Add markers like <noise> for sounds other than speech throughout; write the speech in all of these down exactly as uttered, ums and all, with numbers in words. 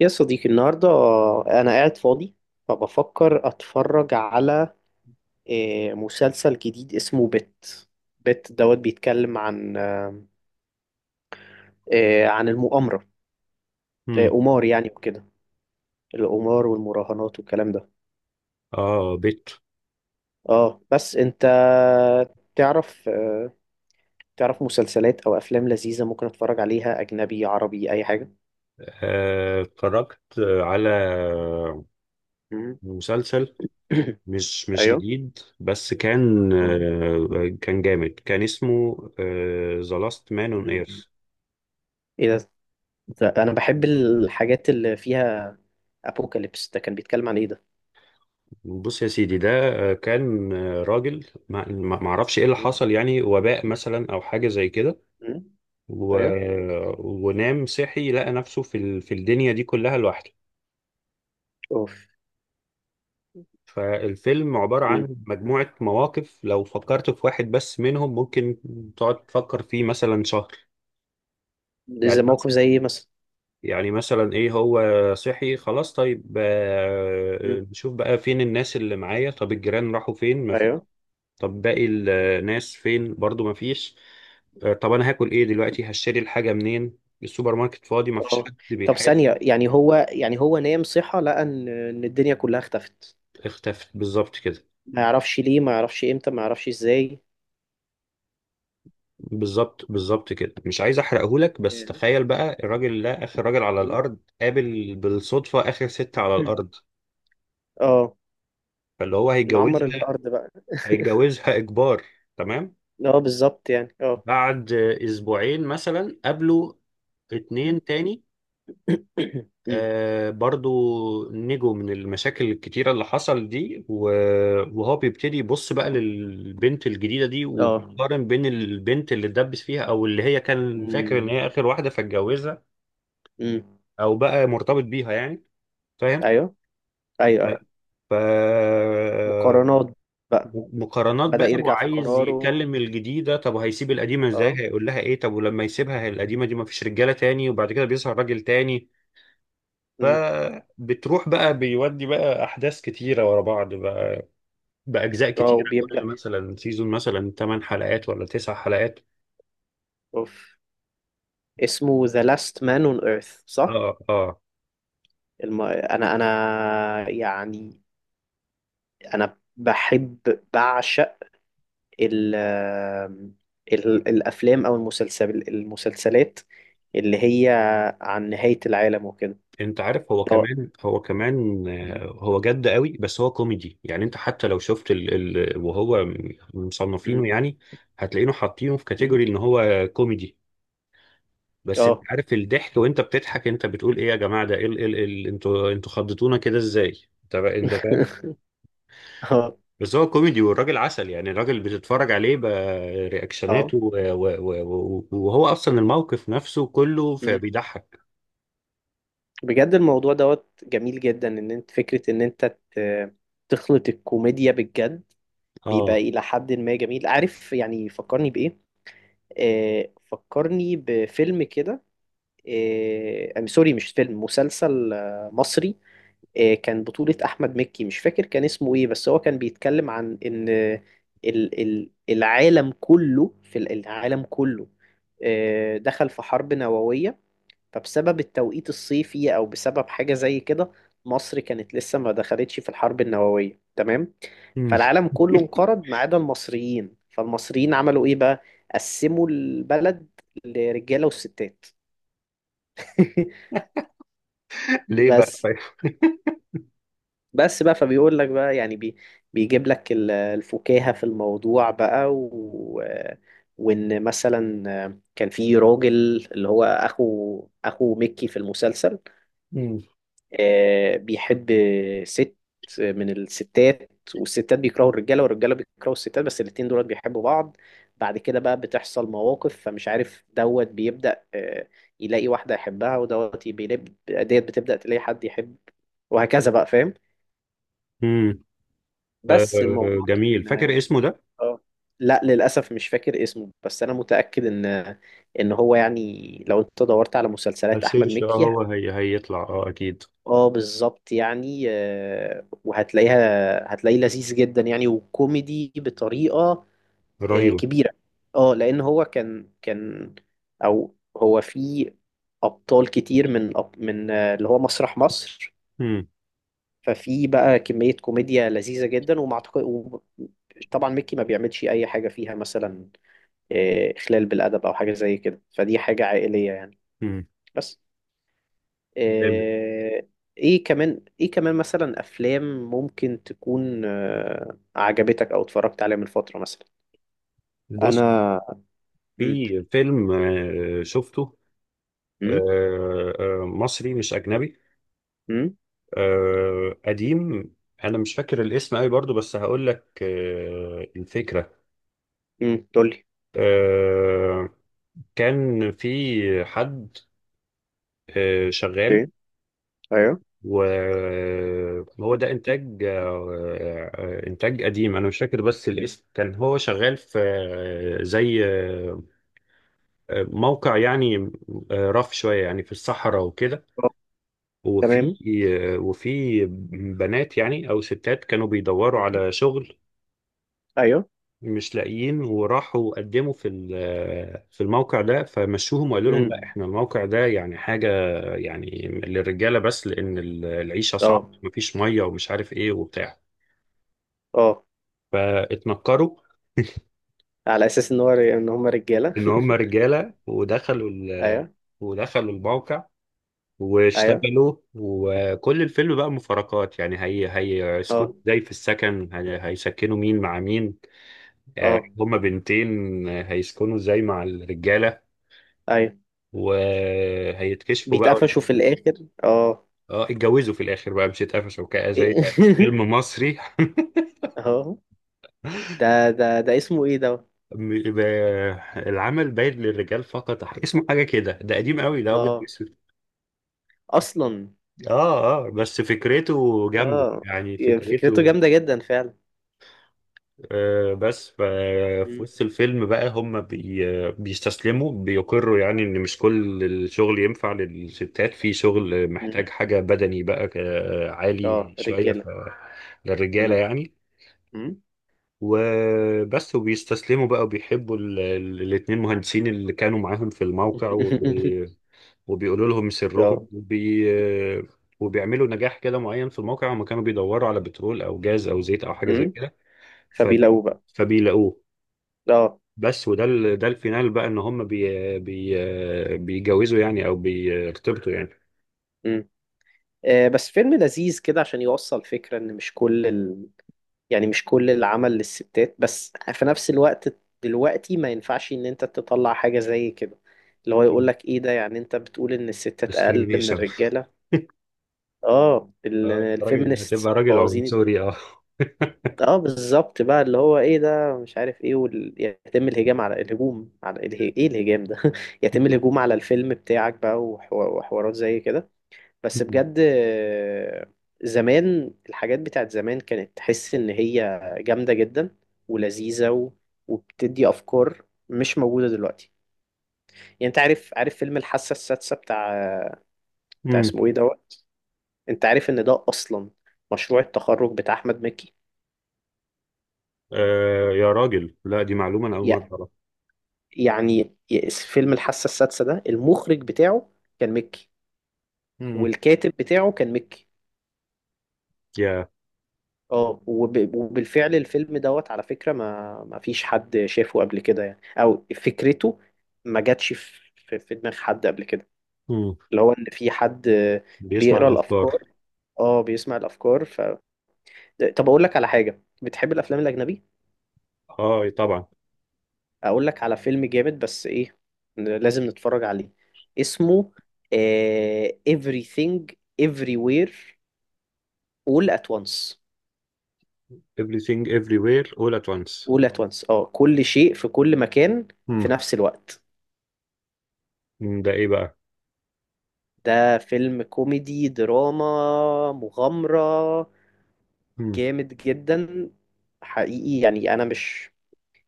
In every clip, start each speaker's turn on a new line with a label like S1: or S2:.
S1: يا صديقي، النهاردة أنا قاعد فاضي، فبفكر أتفرج على آه، مسلسل جديد اسمه بت بت دوت. بيتكلم عن آه، آه، عن المؤامرة، آه،
S2: مم.
S1: قمار يعني وكده. القمار والمراهنات والكلام ده.
S2: اه، بيت.
S1: اه، بس أنت تعرف آه، تعرف مسلسلات أو أفلام لذيذة ممكن أتفرج عليها، أجنبي عربي أي حاجة؟
S2: آه، اتفرجت على
S1: مم.
S2: مسلسل
S1: <coughs>
S2: مش
S1: <clears throat>
S2: مش
S1: أيوه.
S2: جديد، بس كان
S1: أه.
S2: آه، كان جامد. كان اسمه ذا لاست مان اون ايرث.
S1: مم. إيه ده؟ ده أنا بحب الحاجات اللي فيها ابوكاليبس. ده كان بيتكلم عن ايه ده؟
S2: بص يا سيدي، ده آه، كان آه، راجل، ما ما- ما اعرفش ايه اللي
S1: مم.
S2: حصل، يعني وباء مثلا او حاجة زي كده.
S1: مم.
S2: و...
S1: ايوه.
S2: ونام صحي، لقى نفسه في ال... في الدنيا دي كلها لوحده.
S1: اوف.
S2: فالفيلم عبارة
S1: مم.
S2: عن مجموعة مواقف، لو فكرت في واحد بس منهم ممكن تقعد تفكر فيه مثلا شهر.
S1: ده
S2: يعني
S1: زي
S2: مثلا
S1: موقف زي ايه مثلا؟
S2: يعني مثلا ايه؟ هو صحي، خلاص، طيب،
S1: مم.
S2: آه، نشوف بقى فين الناس اللي معايا. طب الجيران راحوا فين؟ مفيش.
S1: ايوه.
S2: طب باقي الناس فين برضو؟ مفيش. آه، طب انا هاكل ايه دلوقتي؟ هشتري الحاجة منين؟ السوبر ماركت فاضي، مفيش
S1: اه.
S2: حد
S1: طب ثانية،
S2: بيحاسب.
S1: يعني هو يعني هو نام صحى لقى ان ان الدنيا كلها اختفت؟
S2: اختفت بالظبط كده.
S1: ما يعرفش ليه، ما يعرفش امتى، ما يعرفش ازاي.
S2: بالظبط بالظبط كده، مش عايز احرقهولك، بس
S1: ياه.
S2: تخيل بقى الراجل ده اخر راجل على
S1: مم.
S2: الارض، قابل بالصدفه اخر ست على الارض،
S1: <clears throat> اه.
S2: فاللي هو
S1: نعمر
S2: هيتجوزها.
S1: الارض بقى.
S2: هيتجوزها اجبار، تمام.
S1: اه، بالظبط يعني اه.
S2: بعد اسبوعين مثلا قابلوا
S1: مم.
S2: اتنين تاني،
S1: <clears throat> <coughs> مم.
S2: آه برضو نجوا من المشاكل الكتيرة اللي حصل دي. و- وهو بيبتدي يبص بقى للبنت الجديدة دي،
S1: اه.
S2: وبيقارن بين البنت اللي اتدبس فيها، أو اللي هي كان فاكر إن
S1: مم.
S2: هي آخر واحدة فاتجوزها
S1: مم.
S2: او بقى مرتبط بيها يعني. فاهم؟
S1: ايوه ايوه
S2: ف
S1: ايوه.
S2: ف-
S1: مقارنات بقى.
S2: مقارنات
S1: بدأ
S2: بقى،
S1: يرجع في
S2: وعايز
S1: قراره.
S2: يكلم الجديده. طب وهيسيب القديمه ازاي؟
S1: اه.
S2: هيقول لها ايه؟ طب ولما يسيبها هي، القديمه دي ما فيش رجاله تاني، وبعد كده بيظهر راجل تاني. فبتروح بقى، بيودي بقى احداث كتيره ورا بعض بقى، باجزاء
S1: اه،
S2: كتيره. كل
S1: وبيبدأ.
S2: مثلا سيزون مثلا 8 حلقات ولا 9 حلقات.
S1: اوف. اسمه The Last Man on Earth، صح؟
S2: اه اه.
S1: الم... انا انا يعني، انا بحب بعشق ال... ال... الافلام او المسلسل المسلسلات اللي هي عن نهاية العالم وكده.
S2: انت عارف، هو
S1: ده
S2: كمان هو كمان، آه،
S1: م-
S2: هو جد قوي، بس هو كوميدي يعني. انت حتى لو شفت ال... ال... وهو م- مصنفينه يعني، هتلاقينه حاطينه في
S1: م-
S2: كاتيجوري ان هو كوميدي. بس انت
S1: اه.
S2: عارف، الضحك وانت بتضحك انت بتقول ايه يا جماعه، ده ايه ال... إيه ال... إيه ال... انتوا انتوا خضتونا كده ازاي؟ انت بقى- انت فاهم؟
S1: <laughs> اه.
S2: بس هو كوميدي، والراجل عسل يعني. الراجل بتتفرج عليه
S1: اه.
S2: برياكشناته و... و... و... و... وهو اصلا الموقف نفسه كله،
S1: م.
S2: فبيضحك.
S1: بجد الموضوع دوت جميل جدا. ان انت فكرة ان انت ت- تخلط الكوميديا بالجد بيبقى
S2: اه
S1: إلى حد ما جميل، عارف يعني؟ فكرني بإيه، آه فكرني بفيلم كده. آه I'm sorry، مش فيلم، مسلسل آه مصري. آه كان بطولة أحمد مكي. مش فاكر كان اسمه إيه، بس هو كان بيتكلم عن إن ال ال العالم كله في ال- العالم كله آه دخل في حرب نووية. فبسبب التوقيت الصيفي او بسبب حاجه زي كده، مصر كانت لسه ما دخلتش في الحرب النوويه، تمام؟
S2: <laughs>
S1: فالعالم كله انقرض ما عدا المصريين. فالمصريين عملوا ايه بقى؟ قسموا البلد لرجاله وستات. <laughs>
S2: ليه بقى
S1: بس
S2: طيب؟
S1: بس بقى فبيقول لك بقى، يعني بي بيجيب لك ال- الفكاهة في الموضوع بقى. و... وان مثلا كان في راجل، اللي هو اخو اخو ميكي في المسلسل، آه، بيحب ست من الستات. والستات بيكرهوا الرجاله، والرجاله بيكرهوا الستات، بس الاتنين دول بيحبوا بعض. بعد كده بقى بتحصل مواقف فمش عارف. دوت بيبدأ آه، يلاقي واحده يحبها، ودوت بيلاقي ديت بتبدأ تلاقي حد يحب، وهكذا بقى، فاهم؟
S2: مم. آه
S1: بس الموضوع
S2: جميل.
S1: كان
S2: فاكر اسمه ده؟
S1: اه. لا، للأسف مش فاكر اسمه، بس أنا متأكد إن إن هو يعني لو أنت دورت على مسلسلات أحمد
S2: السيرش، اه
S1: مكي.
S2: هو هي هيطلع، اه اكيد.
S1: اه، بالظبط يعني آه، وهتلاقيها هتلاقيه لذيذ جدا يعني، وكوميدي بطريقة آه،
S2: رهيب.
S1: كبيرة. اه، لأن هو كان كان أو هو في أبطال كتير من أب- من آه، اللي هو مسرح مصر.
S2: مم.
S1: ففي بقى كمية كوميديا لذيذة جدا، وما أعتقد و- طبعا ميكي ما بيعملش أي حاجة فيها مثلا آه، إخلال بالأدب أو حاجة زي كده. فدي حاجة عائلية يعني.
S2: مم.
S1: بس
S2: جامد.
S1: آه، ايه كمان، ايه كمان مثلا افلام ممكن تكون آه، عجبتك او اتفرجت عليها من فترة مثلا؟ انا.
S2: بص،
S1: امم.
S2: في فيلم آه شفته،
S1: امم.
S2: آه آه مصري مش اجنبي،
S1: امم.
S2: آه قديم. انا مش فاكر الاسم قوي برضو، بس هقول لك آه الفكرة.
S1: امم تقول لي.
S2: آه كان في حد آه شغال،
S1: اوكي. ايوه.
S2: وهو ده انتاج آه، انتاج قديم. انا مش فاكر، بس الاسم كان هو شغال في آه، زي آه، آه، موقع يعني، آه، رف شويه يعني في الصحراء وكده.
S1: آه،
S2: وفي
S1: تمام.
S2: آه، وفي بنات يعني او ستات كانوا بيدوروا
S1: امم.
S2: على شغل،
S1: ايوه.
S2: مش لاقيين، وراحوا قدموا في ال- آه، في الموقع ده. فمشوهم وقالوا لهم لا،
S1: امم.
S2: احنا الموقع ده يعني حاجه يعني للرجاله بس، لان ال- العيشه صعبه،
S1: اه.
S2: مفيش ميه ومش عارف ايه وبتاع.
S1: اه.
S2: فاتنكروا
S1: على اساس ان هو ان هم رجالة.
S2: ان
S1: <laughs>
S2: هم رجاله، ودخلوا ال...
S1: ايوه.
S2: ودخلوا الموقع،
S1: ايوه.
S2: واشتغلوا. وكل الفيلم بقى مفارقات يعني، هي هي
S1: اه.
S2: سكوت ازاي في السكن؟ هي... هيسكنوا مين مع مين؟ آه،
S1: اه.
S2: هما بنتين، آه، هيسكنوا ازاي مع الرجاله؟
S1: ايوه.
S2: وهيتكشفوا بقى وال-
S1: بيتقفشوا في الاخر اه.
S2: اه، اتجوزوا في الاخر بقى، مش اتقفشوا كده زي
S1: ايه. <laughs>
S2: فيلم مصري. <laughs>
S1: اه، ده ده ده اسمه ايه ده؟
S2: م- ب- العمل باين للرجال فقط، اسمه حاجه كده. ده قديم قوي، ده ابيض
S1: اه،
S2: وأسود.
S1: اصلا.
S2: اه اه، بس فكرته جامدة
S1: اه،
S2: يعني،
S1: يعني فكرته
S2: فكرته
S1: جامدة جدا فعلا.
S2: آه بس. ف- في
S1: مم.
S2: وسط الفيلم بقى هم بي بيستسلموا، بيقروا يعني ان مش كل الشغل ينفع للستات، في شغل محتاج
S1: مم.
S2: حاجة بدني بقى ك-
S1: اه،
S2: عالي شوية، ف
S1: رجالة.
S2: للرجالة
S1: مم.
S2: يعني.
S1: مم.
S2: وبس، وبيستسلموا بقى، وبيحبوا ال- ال- الاتنين مهندسين اللي كانوا معاهم في الموقع،
S1: <laughs>
S2: وبيقولوا لهم
S1: اه.
S2: سرهم، وبي... وبيعملوا نجاح كده معين في الموقع. هم كانوا بيدوروا على بترول او جاز او زيت او حاجه زي
S1: مم.
S2: كده، فبي...
S1: فبيلاقوه بقى.
S2: فبيلاقوه
S1: اه.
S2: بس. وده ال... ده الفينال بقى، ان هم بي... بي... بيجوزوا يعني او بيرتبطوا يعني.
S1: مم. آه، بس فيلم لذيذ كده، عشان يوصل فكرة ان مش كل ال... يعني مش كل العمل للستات، بس في نفس الوقت دلوقتي ما ينفعش ان انت تطلع حاجة زي كده. اللي هو يقول لك ايه ده؟ يعني انت بتقول ان الستات اقل من
S2: discrimination.
S1: الرجالة. اه، ال-
S2: اه، أنت راجل
S1: الفيمينست
S2: هتبقى راجل
S1: بوظين الدنيا.
S2: عنصري، اه.
S1: اه، بالظبط بقى، اللي هو ايه ده؟ مش عارف ايه وال... يتم الهجام على الهجوم على اله... ايه الهجام ده؟ <laughs> يتم الهجوم
S2: <laughs>
S1: على الفيلم بتاعك بقى وحو... وحوارات زي كده. بس بجد آه، زمان الحاجات بتاعت زمان كانت تحس ان هي جامدة جدا ولذيذة و... وبتدي افكار مش موجودة دلوقتي. يعني انت عارف، عارف فيلم الحاسة السادسة بتاع بتاع
S2: امم.
S1: اسمه ايه دوت. انت عارف ان ده اصلا مشروع التخرج بتاع احمد مكي؟
S2: آه يا راجل، لا، دي معلومه انا اول مره اعرفها.
S1: يعني فيلم الحاسة السادسة ده المخرج بتاعه كان مكي،
S2: امم.
S1: والكاتب بتاعه كان مكي.
S2: يا.
S1: اه وب... وبالفعل الفيلم دوت على فكرة ما ما فيش حد شافه قبل كده يعني، او فكرته ما جاتش في في في دماغ حد قبل كده.
S2: امم.
S1: اللي هو ان في حد
S2: بيسمع
S1: بيقرا
S2: الافكار.
S1: الافكار. اه، بيسمع الافكار ف... طب اقول لك على حاجة. بتحب الافلام الاجنبي؟
S2: اه طبعا.
S1: اقول لك على فيلم جامد، بس ايه، لازم نتفرج عليه. اسمه آه... Everything Everywhere all at once.
S2: everything everywhere all at once.
S1: all at once، اه، كل شيء في كل مكان
S2: مم.
S1: في نفس الوقت.
S2: مم. ده ايه بقى؟
S1: ده فيلم كوميدي دراما مغامرة
S2: مم.
S1: جامد جدا. حقيقي يعني انا مش،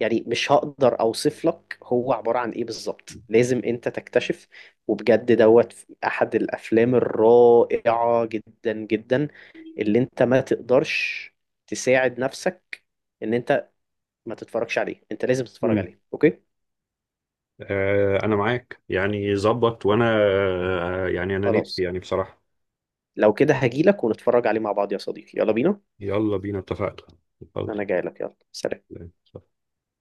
S1: يعني مش هقدر اوصف لك هو عبارة عن ايه بالظبط. لازم انت تكتشف. وبجد دوت احد الافلام الرائعة جدا جدا اللي انت ما تقدرش تساعد نفسك ان انت ما تتفرجش عليه. انت لازم تتفرج
S2: مم.
S1: عليه، اوكي؟
S2: آه انا معاك يعني، ظبط. وانا آه يعني انا نفسي
S1: خلاص.
S2: يعني، بصراحة.
S1: لو كده هجيلك ونتفرج عليه مع بعض يا صديقي، يلا بينا.
S2: يلا بينا، اتفقنا.
S1: انا جايلك، يلا، سلام.
S2: اتفضل.